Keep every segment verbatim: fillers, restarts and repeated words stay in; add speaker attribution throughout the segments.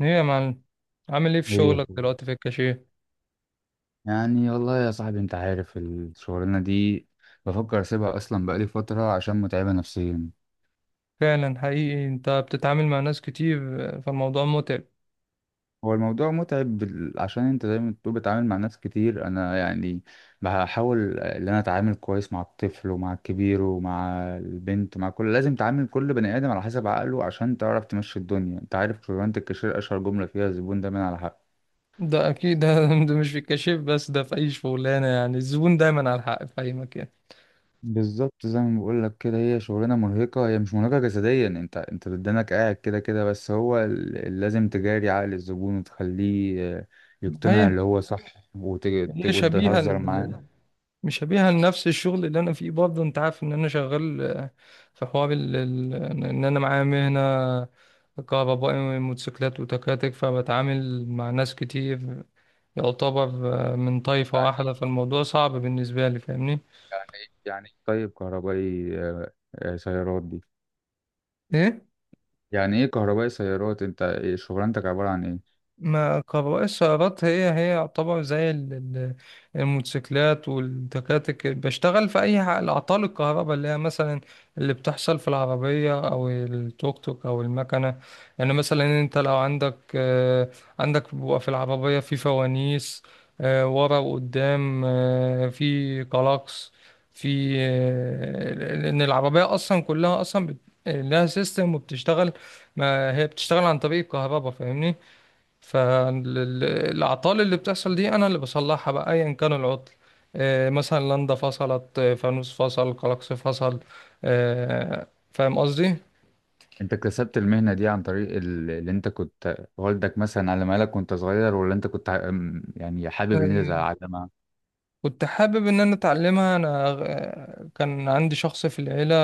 Speaker 1: ايه يا معلم؟ عامل ايه في
Speaker 2: ايه يا
Speaker 1: شغلك
Speaker 2: أخوي؟
Speaker 1: دلوقتي في الكاشير؟
Speaker 2: يعني والله يا صاحبي انت عارف الشغلانه دي. بفكر اسيبها اصلا بقالي فتره عشان متعبه نفسيا.
Speaker 1: فعلا حقيقي انت بتتعامل مع ناس كتير، فالموضوع متعب.
Speaker 2: هو الموضوع متعب بال- عشان انت زي ما بتقول بتعامل مع ناس كتير. انا يعني بحاول ان انا اتعامل كويس مع الطفل ومع الكبير ومع البنت، مع كل، لازم تعامل كل بني ادم على حسب عقله عشان تعرف تمشي الدنيا. انت عارف شغلانه الكاشير اشهر جمله فيها الزبون دايما على حق.
Speaker 1: ده اكيد ده, ده مش في الكاشير بس، ده في اي شغلانه، يعني الزبون دايما على الحق في اي مكان.
Speaker 2: بالظبط زي ما بقول لك كده، هي شغلانه مرهقه، هي مش مرهقه جسديا، انت انت بدنك قاعد كده كده، بس هو ال- ال- لازم تجاري عقل الزبون وتخليه آه، يقتنع
Speaker 1: هي
Speaker 2: اللي هو صح وت- ت-
Speaker 1: هي شبيهه،
Speaker 2: وتهزر معاه.
Speaker 1: مش هبيع لنفس الشغل اللي انا فيه برضه، انت عارف ان انا شغال. آه، في حوار ال- ال- ان انا معايا مهنة كهربائي موتوسيكلات وتكاتك، فبتعامل مع ناس كتير، يعتبر آه، من طائفة واحدة،
Speaker 2: يعني
Speaker 1: فالموضوع صعب بالنسبة لي، فاهمني.
Speaker 2: يعني ايه يعني إيه طيب كهربائي آه، آه، سيارات دي؟ يعني ايه كهربائي سيارات، انت إيه شغلانتك عباره عن ايه؟
Speaker 1: ما كهرباء السيارات هي هي يعتبر زي ال- ال- الموتوسيكلات والتكاتك، بشتغل في أي ح- الأعطال الكهرباء اللي هي مثلا اللي بتحصل في العربية أو التوك توك أو المكنة. يعني مثلا أنت لو عندك آه، عندك بيبقى في العربية في فوانيس، آه، ورا وقدام، آه، في كلاكس، في آه، لأن العربية أصلا كلها أصلا بت- لها سيستم وبتشتغل. ما هي بتشتغل عن طريق الكهرباء، فاهمني. فالأعطال اللي بتحصل دي أنا اللي بصلحها، بقى أيا كان العطل. آه، مثلا لندا فصلت، آه، فانوس فصل، كلاكس فصل، آه، فاهم قصدي؟
Speaker 2: انت اكتسبت المهنه دي عن طريق ال- اللي انت كنت والدك مثلا علمها لك وانت صغير، ولا انت كنت ع- يعني حابب ان انت
Speaker 1: آه،
Speaker 2: تتعلمها؟
Speaker 1: كنت حابب إن أنا أتعلمها. أنا آه، كان عندي شخص في العيلة،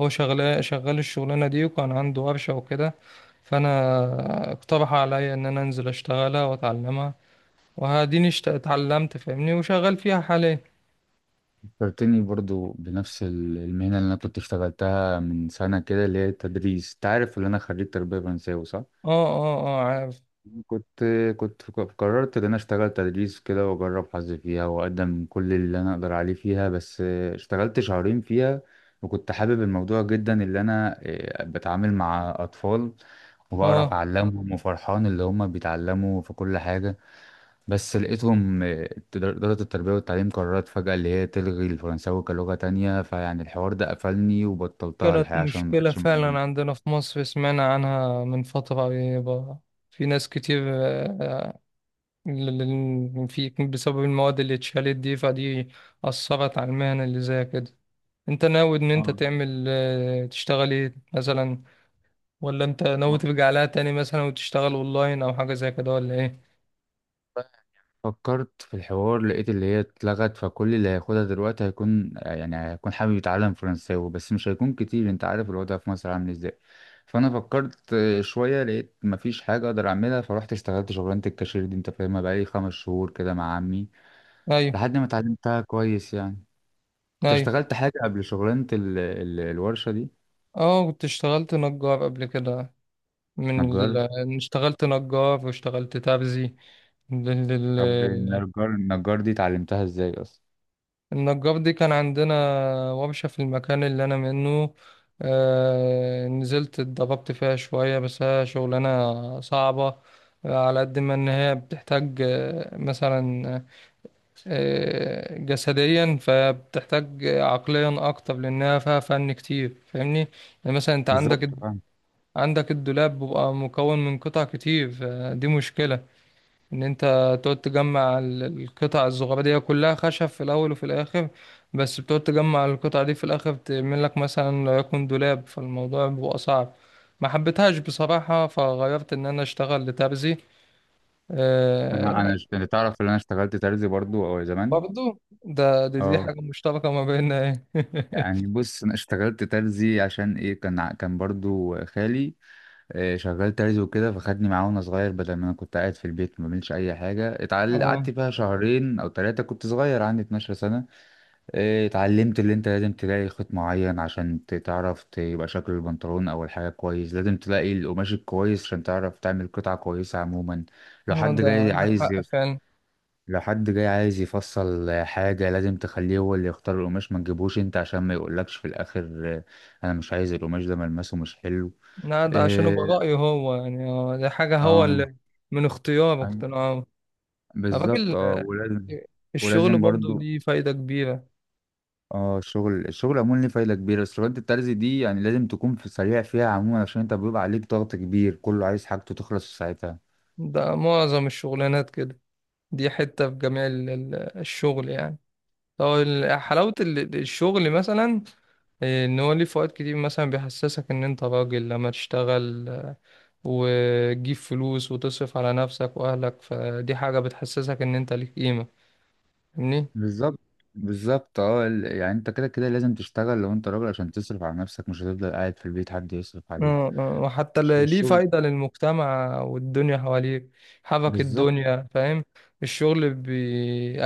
Speaker 1: هو شغال شغال الشغلانة دي، وكان عنده ورشة وكده، فأنا اقترح عليا إن أنا أنزل أشتغلها وأتعلمها، وهاديني اشت- اتعلمت، فاهمني، وشغال فيها حاليا.
Speaker 2: فكرتني برضو بنفس ال- المهنة اللي أنا كنت اشتغلتها من سنة كده، اللي هي التدريس. تعرف اللي أنا خريج تربية فرنساوي صح؟
Speaker 1: اه، اه، اه، عارف.
Speaker 2: كنت كنت قررت إن أنا أشتغل تدريس كده وأجرب حظي فيها وأقدم كل اللي أنا أقدر عليه فيها، بس اشتغلت شهرين فيها وكنت حابب الموضوع جدا، اللي أنا اه، بتعامل مع أطفال
Speaker 1: اه.
Speaker 2: وبعرف أعلمهم وفرحان اللي هم بيتعلموا في كل حاجة. بس لقيتهم آه، إدارة التربية والتعليم قررت فجأة اللي هي تلغي الفرنساوي كلغة تانية، فيعني الحوار ده قفلني وبطلتها
Speaker 1: كانت
Speaker 2: الحقيقة عشان
Speaker 1: مشكلة
Speaker 2: مبقتش موجود.
Speaker 1: فعلا عندنا في مصر، سمعنا عنها من فترة قريبة، في ناس كتير. آه، ل- ل- في بسبب المواد اللي اتشالت دي، فدي أثرت على المهنة اللي زي كده. انت ناوي ان انت
Speaker 2: اه.
Speaker 1: تعمل آه، تشتغل ايه مثلا، ولا انت ناوي
Speaker 2: و-
Speaker 1: ترجع لها تاني مثلا وتشتغل اونلاين او حاجة زي كده ولا ايه؟
Speaker 2: فكرت في الحوار لقيت اللي هي اتلغت، فكل اللي هياخدها دلوقتي هيكون يعني هيكون حابب يتعلم فرنساوي بس مش هيكون كتير، انت عارف الوضع في مصر عامل ازاي. فانا فكرت آه، شوية لقيت مفيش حاجة اقدر اعملها، فروحت اشتغلت شغلانة الكاشير دي انت فاهمها، بقالي خمس شهور كده مع عمي
Speaker 1: ايوه،
Speaker 2: لحد ما اتعلمتها كويس يعني. انت
Speaker 1: ايوه.
Speaker 2: اشتغلت حاجة قبل شغلانة ال... ال... الورشة دي؟
Speaker 1: اه، كنت اشتغلت نجار قبل كده، من
Speaker 2: نجار؟
Speaker 1: ال... اشتغلت نجار واشتغلت تابزي.
Speaker 2: طب النجار النجار دي اتعلمتها ازاي اصلا؟
Speaker 1: النجار دي كان عندنا ورشة في المكان اللي أنا منه، آه نزلت اتدربت فيها شوية، بس هي شغلانة صعبة، على قد ما إن هي بتحتاج، آه، مثلا آه، جسديا، فبتحتاج عقليا أكتر لأنها فيها فن كتير، فاهمني. يعني مثلا أنت عندك
Speaker 2: بالظبط فاهم.
Speaker 1: عندك الدولاب بيبقى مكون من قطع كتير، فدي مشكلة ان انت تقعد تجمع ال- القطع الصغيره دي كلها خشب في الاول وفي الاخر، بس بتقعد تجمع القطع دي في الاخر، تعمل لك مثلا لو يكون دولاب، فالموضوع بيبقى صعب. ما حبيتهاش بصراحه، فغيرت ان انا اشتغل لترزي.
Speaker 2: انا
Speaker 1: آه.
Speaker 2: انا اشت- انت تعرف ان انا اشتغلت ترزي برضو او زمان.
Speaker 1: برضو، ده دي, دي
Speaker 2: اه.
Speaker 1: حاجه مشتركه ما بيننا، ايه؟
Speaker 2: يعني بص، انا اشتغلت ترزي عشان ايه؟ كان ع- كان برضو خالي آه، شغال ترزي وكده، فخدني معاه وانا صغير بدل ما انا كنت قاعد في البيت ما بعملش اي حاجة، اتعل-
Speaker 1: اه.
Speaker 2: قعدت فيها شهرين او ثلاثة، كنت صغير عندي اتناشر سنة. إيه، اتعلمت اللي انت لازم تلاقي خيط معين عشان ت- تعرف تبقى شكل البنطلون او الحاجة كويس، لازم تلاقي القماش الكويس عشان تعرف تعمل قطعة كويسة عموما. لو
Speaker 1: آه،
Speaker 2: حد
Speaker 1: ده
Speaker 2: جاي بالظبط
Speaker 1: عندك
Speaker 2: عايز،
Speaker 1: حق فعلا.
Speaker 2: لو حد جاي عايز يفصل حاجة لازم تخليه هو اللي يختار القماش، ما تجيبوش انت عشان ما يقولكش في الاخر آه، انا مش عايز القماش ده ملمسه مش حلو.
Speaker 1: لا، ده عشان يبقى
Speaker 2: إيه،
Speaker 1: رايه هو، يعني، آه، دي حاجه هو
Speaker 2: اه.
Speaker 1: اللي من اختيار
Speaker 2: أيوة،
Speaker 1: واقتناع.
Speaker 2: بالظبط
Speaker 1: الراجل.
Speaker 2: اه،
Speaker 1: آه،
Speaker 2: ولازم،
Speaker 1: الشغل
Speaker 2: ولازم
Speaker 1: برضه
Speaker 2: برضو،
Speaker 1: ليه فايدة كبيرة.
Speaker 2: اه الشغل، الشغل عموما ليه فايده كبيره، بس الوجبه الترزي دي يعني لازم تكون في سريع فيها عموما عشان انت بيبقى عليك ضغط كبير، كله عايز حاجته تخلص في ساعتها.
Speaker 1: ده معظم الشغلانات كده، دي حتة في جميع ال- ال- الشغل يعني. طب ال- حلاوة ال- الشغل مثلا إيه، ان هو ليه فوائد كتير، مثلا بيحسسك ان انت راجل لما تشتغل، آه، وتجيب فلوس وتصرف على نفسك واهلك، فدي حاجة بتحسسك ان انت ليك قيمة، فاهمني؟
Speaker 2: بالظبط، بالظبط اه ال- يعني انت كده كده لازم تشتغل لو انت راجل عشان تصرف على نفسك، مش هتفضل قاعد في البيت حد يصرف عليك.
Speaker 1: آه، آه، وحتى
Speaker 2: الش-
Speaker 1: اللي ليه
Speaker 2: الشغل.
Speaker 1: فايدة للمجتمع والدنيا حواليك، حبك
Speaker 2: بالظبط.
Speaker 1: الدنيا، فاهم. الشغل بي...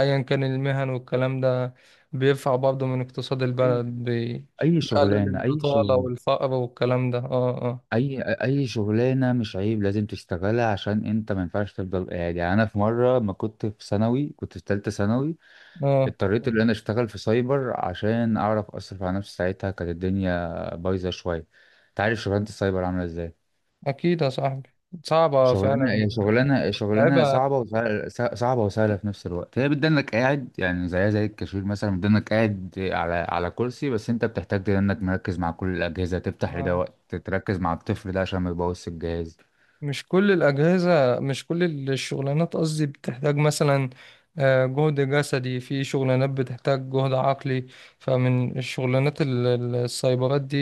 Speaker 1: أيا كان المهن والكلام ده بيرفع برضه من اقتصاد
Speaker 2: اي،
Speaker 1: البلد، بي...
Speaker 2: اي
Speaker 1: بيقلل
Speaker 2: شغلانه اي
Speaker 1: البطالة
Speaker 2: شغلانه.
Speaker 1: والفقر والكلام ده. اه، اه،
Speaker 2: اي اي شغلانه، مش عيب لازم تشتغلها عشان انت ما ينفعش تفضل قاعد. يعني انا في مره، ما كنت في ثانوي كنت في ثالثه ثانوي،
Speaker 1: اه.
Speaker 2: اضطريت ان انا اشتغل في سايبر عشان اعرف اصرف على نفسي، ساعتها كانت الدنيا بايظه شويه. انت عارف شغلانه السايبر عامله ازاي؟
Speaker 1: أكيد يا صاحبي، صعبة
Speaker 2: شغلانه،
Speaker 1: فعلا،
Speaker 2: هي شغلانه شغلانه
Speaker 1: متعبة.
Speaker 2: صعبه وسهله، صعبه وسهله في نفس الوقت، هي بتدنك قاعد يعني زيها زي الكاشير مثلا، بتدنك قاعد على على كرسي، بس انت بتحتاج انك مركز مع كل الاجهزه، تفتح لده وقت تركز مع الطفل ده عشان ما يبوظش الجهاز.
Speaker 1: مش كل الأجهزة، مش كل الشغلانات قصدي، بتحتاج مثلا، آه، جهد جسدي، في شغلانات بتحتاج جهد عقلي، فمن الشغلانات ال- ال- السايبرات دي،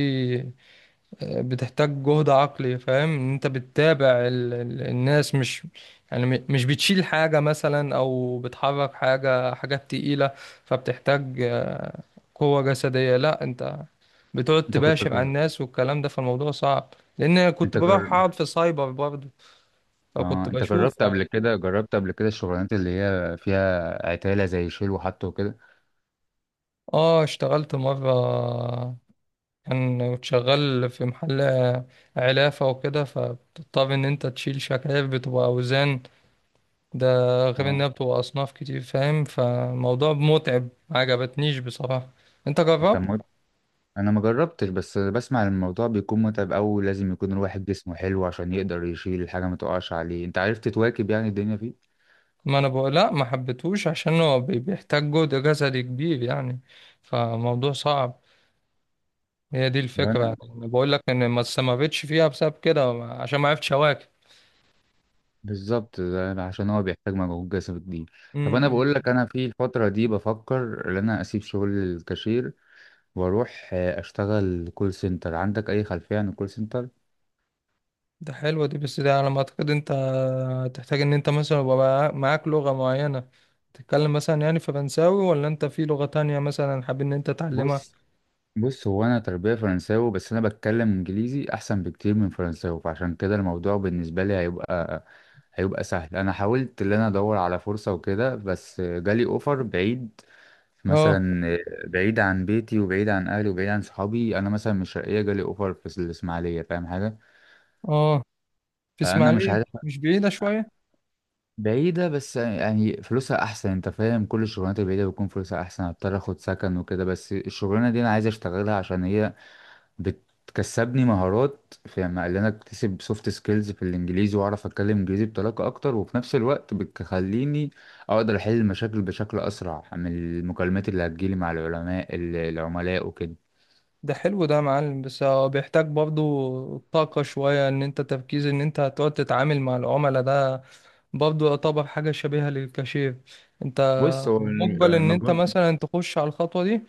Speaker 1: آه، بتحتاج جهد عقلي، فاهم إن انت بتتابع ال- ال- الناس، مش يعني، م- مش بتشيل حاجة مثلا او بتحرك حاجة حاجات تقيلة، فبتحتاج، آه، قوة جسدية، لا انت بتقعد
Speaker 2: انت كنت
Speaker 1: تباشر على
Speaker 2: جرب،
Speaker 1: الناس والكلام ده، فالموضوع صعب لان كنت
Speaker 2: انت
Speaker 1: بروح
Speaker 2: جرب،
Speaker 1: اقعد في سايبر برضه، فكنت
Speaker 2: اه انت
Speaker 1: بشوف.
Speaker 2: جربت قبل كده، جربت قبل كده الشغلانات اللي هي فيها عتاله زي شيل وحط وكده؟
Speaker 1: اه، اشتغلت مرة، كان كنت شغال في محل علافة وكده، فبتضطر ان انت تشيل شكاير بتبقى اوزان، ده غير انها
Speaker 2: اه.
Speaker 1: بتبقى اصناف كتير، فاهم، فموضوع متعب، ما عجبتنيش بصراحة. انت
Speaker 2: كان
Speaker 1: جربت؟
Speaker 2: مت... انا ما جربتش بس بسمع إن الموضوع بيكون متعب أوي، لازم يكون الواحد جسمه حلو عشان يقدر يشيل الحاجة ما تقعش عليه. انت عرفت تواكب يعني الدنيا فيه؟
Speaker 1: ما انا بقول لا، ما حبيتهوش عشان هو بي- بيحتاج جهد جسدي كبير يعني، فموضوع صعب، هي دي الفكرة
Speaker 2: وانا،
Speaker 1: يعني. بقول لك ان ما استمرتش فيها بسبب كده، عشان ما عرفتش
Speaker 2: بالظبط ده عشان هو بيحتاج مجهود جسدي كبير. طب انا
Speaker 1: اواكب.
Speaker 2: بقول لك، انا في الفترة دي بفكر ان انا اسيب شغل الكاشير واروح آه، اشتغل كول سنتر. عندك اي خلفية عن الكول سنتر؟
Speaker 1: ده حلوة دي، بس ده على ما اعتقد انت تحتاج ان انت مثلا يبقى معاك معاك لغة معينة، تتكلم مثلا يعني فرنساوي، ولا انت في لغة تانية مثلا حابب ان انت تعلمها.
Speaker 2: بص، بص هو انا تربية فرنساوي بس انا بتكلم انجليزي احسن بكتير من فرنساوي، فعشان كده الموضوع بالنسبة لي هيبقى هيبقى سهل. انا حاولت ان انا ادور على فرصة وكده بس جالي اوفر بعيد
Speaker 1: اه،
Speaker 2: مثلا، بعيد عن بيتي وبعيد عن اهلي وبعيد عن صحابي، انا مثلا من الشرقية جالي اوفر في الاسماعيلية فاهم حاجة؟
Speaker 1: اه. في
Speaker 2: فانا مش
Speaker 1: اسماعيلية،
Speaker 2: عارف.
Speaker 1: مش بعيدة شوية؟
Speaker 2: بعيدة بس يعني فلوسها احسن، انت فاهم كل الشغلانات البعيدة بيكون فلوسها احسن، هضطر اخد سكن وكده، بس الشغلانة دي انا عايز اشتغلها عشان هي بتكسبني مهارات في ما- اللي انا اكتسب سوفت سكيلز في الانجليزي واعرف اتكلم انجليزي بطلاقه اكتر، وفي نفس الوقت بتخليني اقدر احل المشاكل بشكل اسرع من المكالمات اللي هتجيلي مع العلماء، ال- العملاء وكده.
Speaker 1: ده حلو ده يا معلم، بس هو بيحتاج برضو طاقة شوية، ان انت تركيز ان انت هتقعد تتعامل مع العملاء ده، برضو يعتبر حاجة شبيهة للكاشير، انت
Speaker 2: بص هو ال-
Speaker 1: مقبل ان انت
Speaker 2: المجهود،
Speaker 1: مثلا تخش على الخطوة دي؟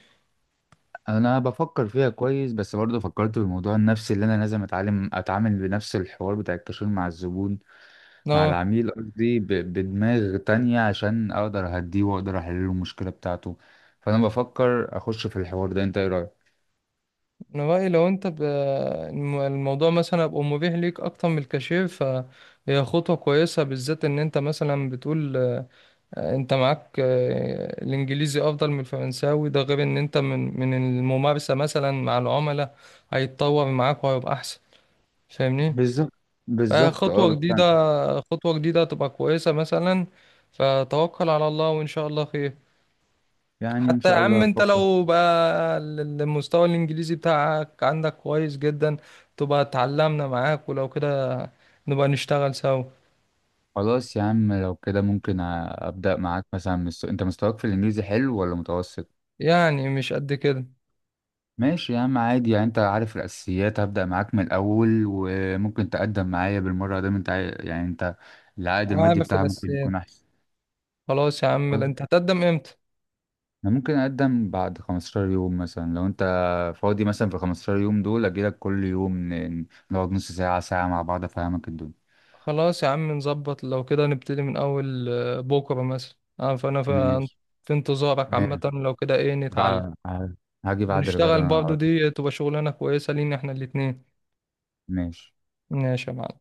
Speaker 2: انا بفكر فيها كويس بس برضه فكرت في الموضوع النفسي، اللي انا لازم اتعلم اتعامل بنفس الحوار بتاع الكاشير مع الزبون، مع
Speaker 1: اه،
Speaker 2: العميل قصدي، ب- بدماغ تانية عشان اقدر اهديه واقدر احل له المشكلة بتاعته. فانا بفكر اخش في الحوار ده، انت ايه رأيك؟
Speaker 1: انا رأيي لو انت ب... الم- الموضوع مثلا هيبقى مبيح ليك اكتر من الكاشير، فهي خطوة كويسة، بالذات ان انت مثلا بتقول، آه، انت معاك آه، الانجليزي افضل من الفرنساوي، ده غير ان انت من من الممارسة مثلا مع العملاء هيتطور معاك وهيبقى احسن، فاهمني.
Speaker 2: بالظبط، بالظبط اه
Speaker 1: فخطوة
Speaker 2: بس أنا-
Speaker 1: جديدة، خطوة جديدة تبقى كويسة مثلا، فتوكل على الله وان شاء الله خير.
Speaker 2: يعني ان
Speaker 1: حتى يا
Speaker 2: شاء الله
Speaker 1: عم انت
Speaker 2: هفكر.
Speaker 1: لو بقى المستوى الانجليزي بتاعك عندك كويس جدا، تبقى اتعلمنا معاك، ولو كده نبقى نشتغل سوا.
Speaker 2: خلاص يا عم لو كده ممكن أ- ابدأ معاك مثلا من الس- انت مستواك في الانجليزي حلو ولا متوسط؟
Speaker 1: يعني مش قد كده.
Speaker 2: ماشي يا عم عادي، يعني انت عارف الاساسيات هبدأ معاك من الاول، وممكن تقدم معايا بالمرة ده، انت عاي- يعني انت العائد المادي
Speaker 1: عامل في
Speaker 2: بتاعها ممكن
Speaker 1: الاساسيات.
Speaker 2: يكون احسن.
Speaker 1: خلاص يا عم، لا انت هتقدم امتى؟
Speaker 2: انا ممكن اقدم بعد خمستاشر يوم مثلا لو انت فاضي، مثلا في خمستاشر يوم دول اجيلك كل يوم، ن- نقعد نص ساعة ساعة مع بعض افهمك الدنيا.
Speaker 1: خلاص يا عم نظبط، لو كده نبتدي من اول آه، بكره مثلا، اه، فانا في
Speaker 2: ماشي.
Speaker 1: في انتظارك عامه،
Speaker 2: ماشي.
Speaker 1: لو كده ايه نتعلم
Speaker 2: بعد، هاجي بعد الغدا
Speaker 1: ونشتغل
Speaker 2: انا
Speaker 1: برضو،
Speaker 2: على طول.
Speaker 1: دي تبقى شغلانه كويسه لينا احنا الاتنين.
Speaker 2: ماشي.
Speaker 1: ماشي يا معلم.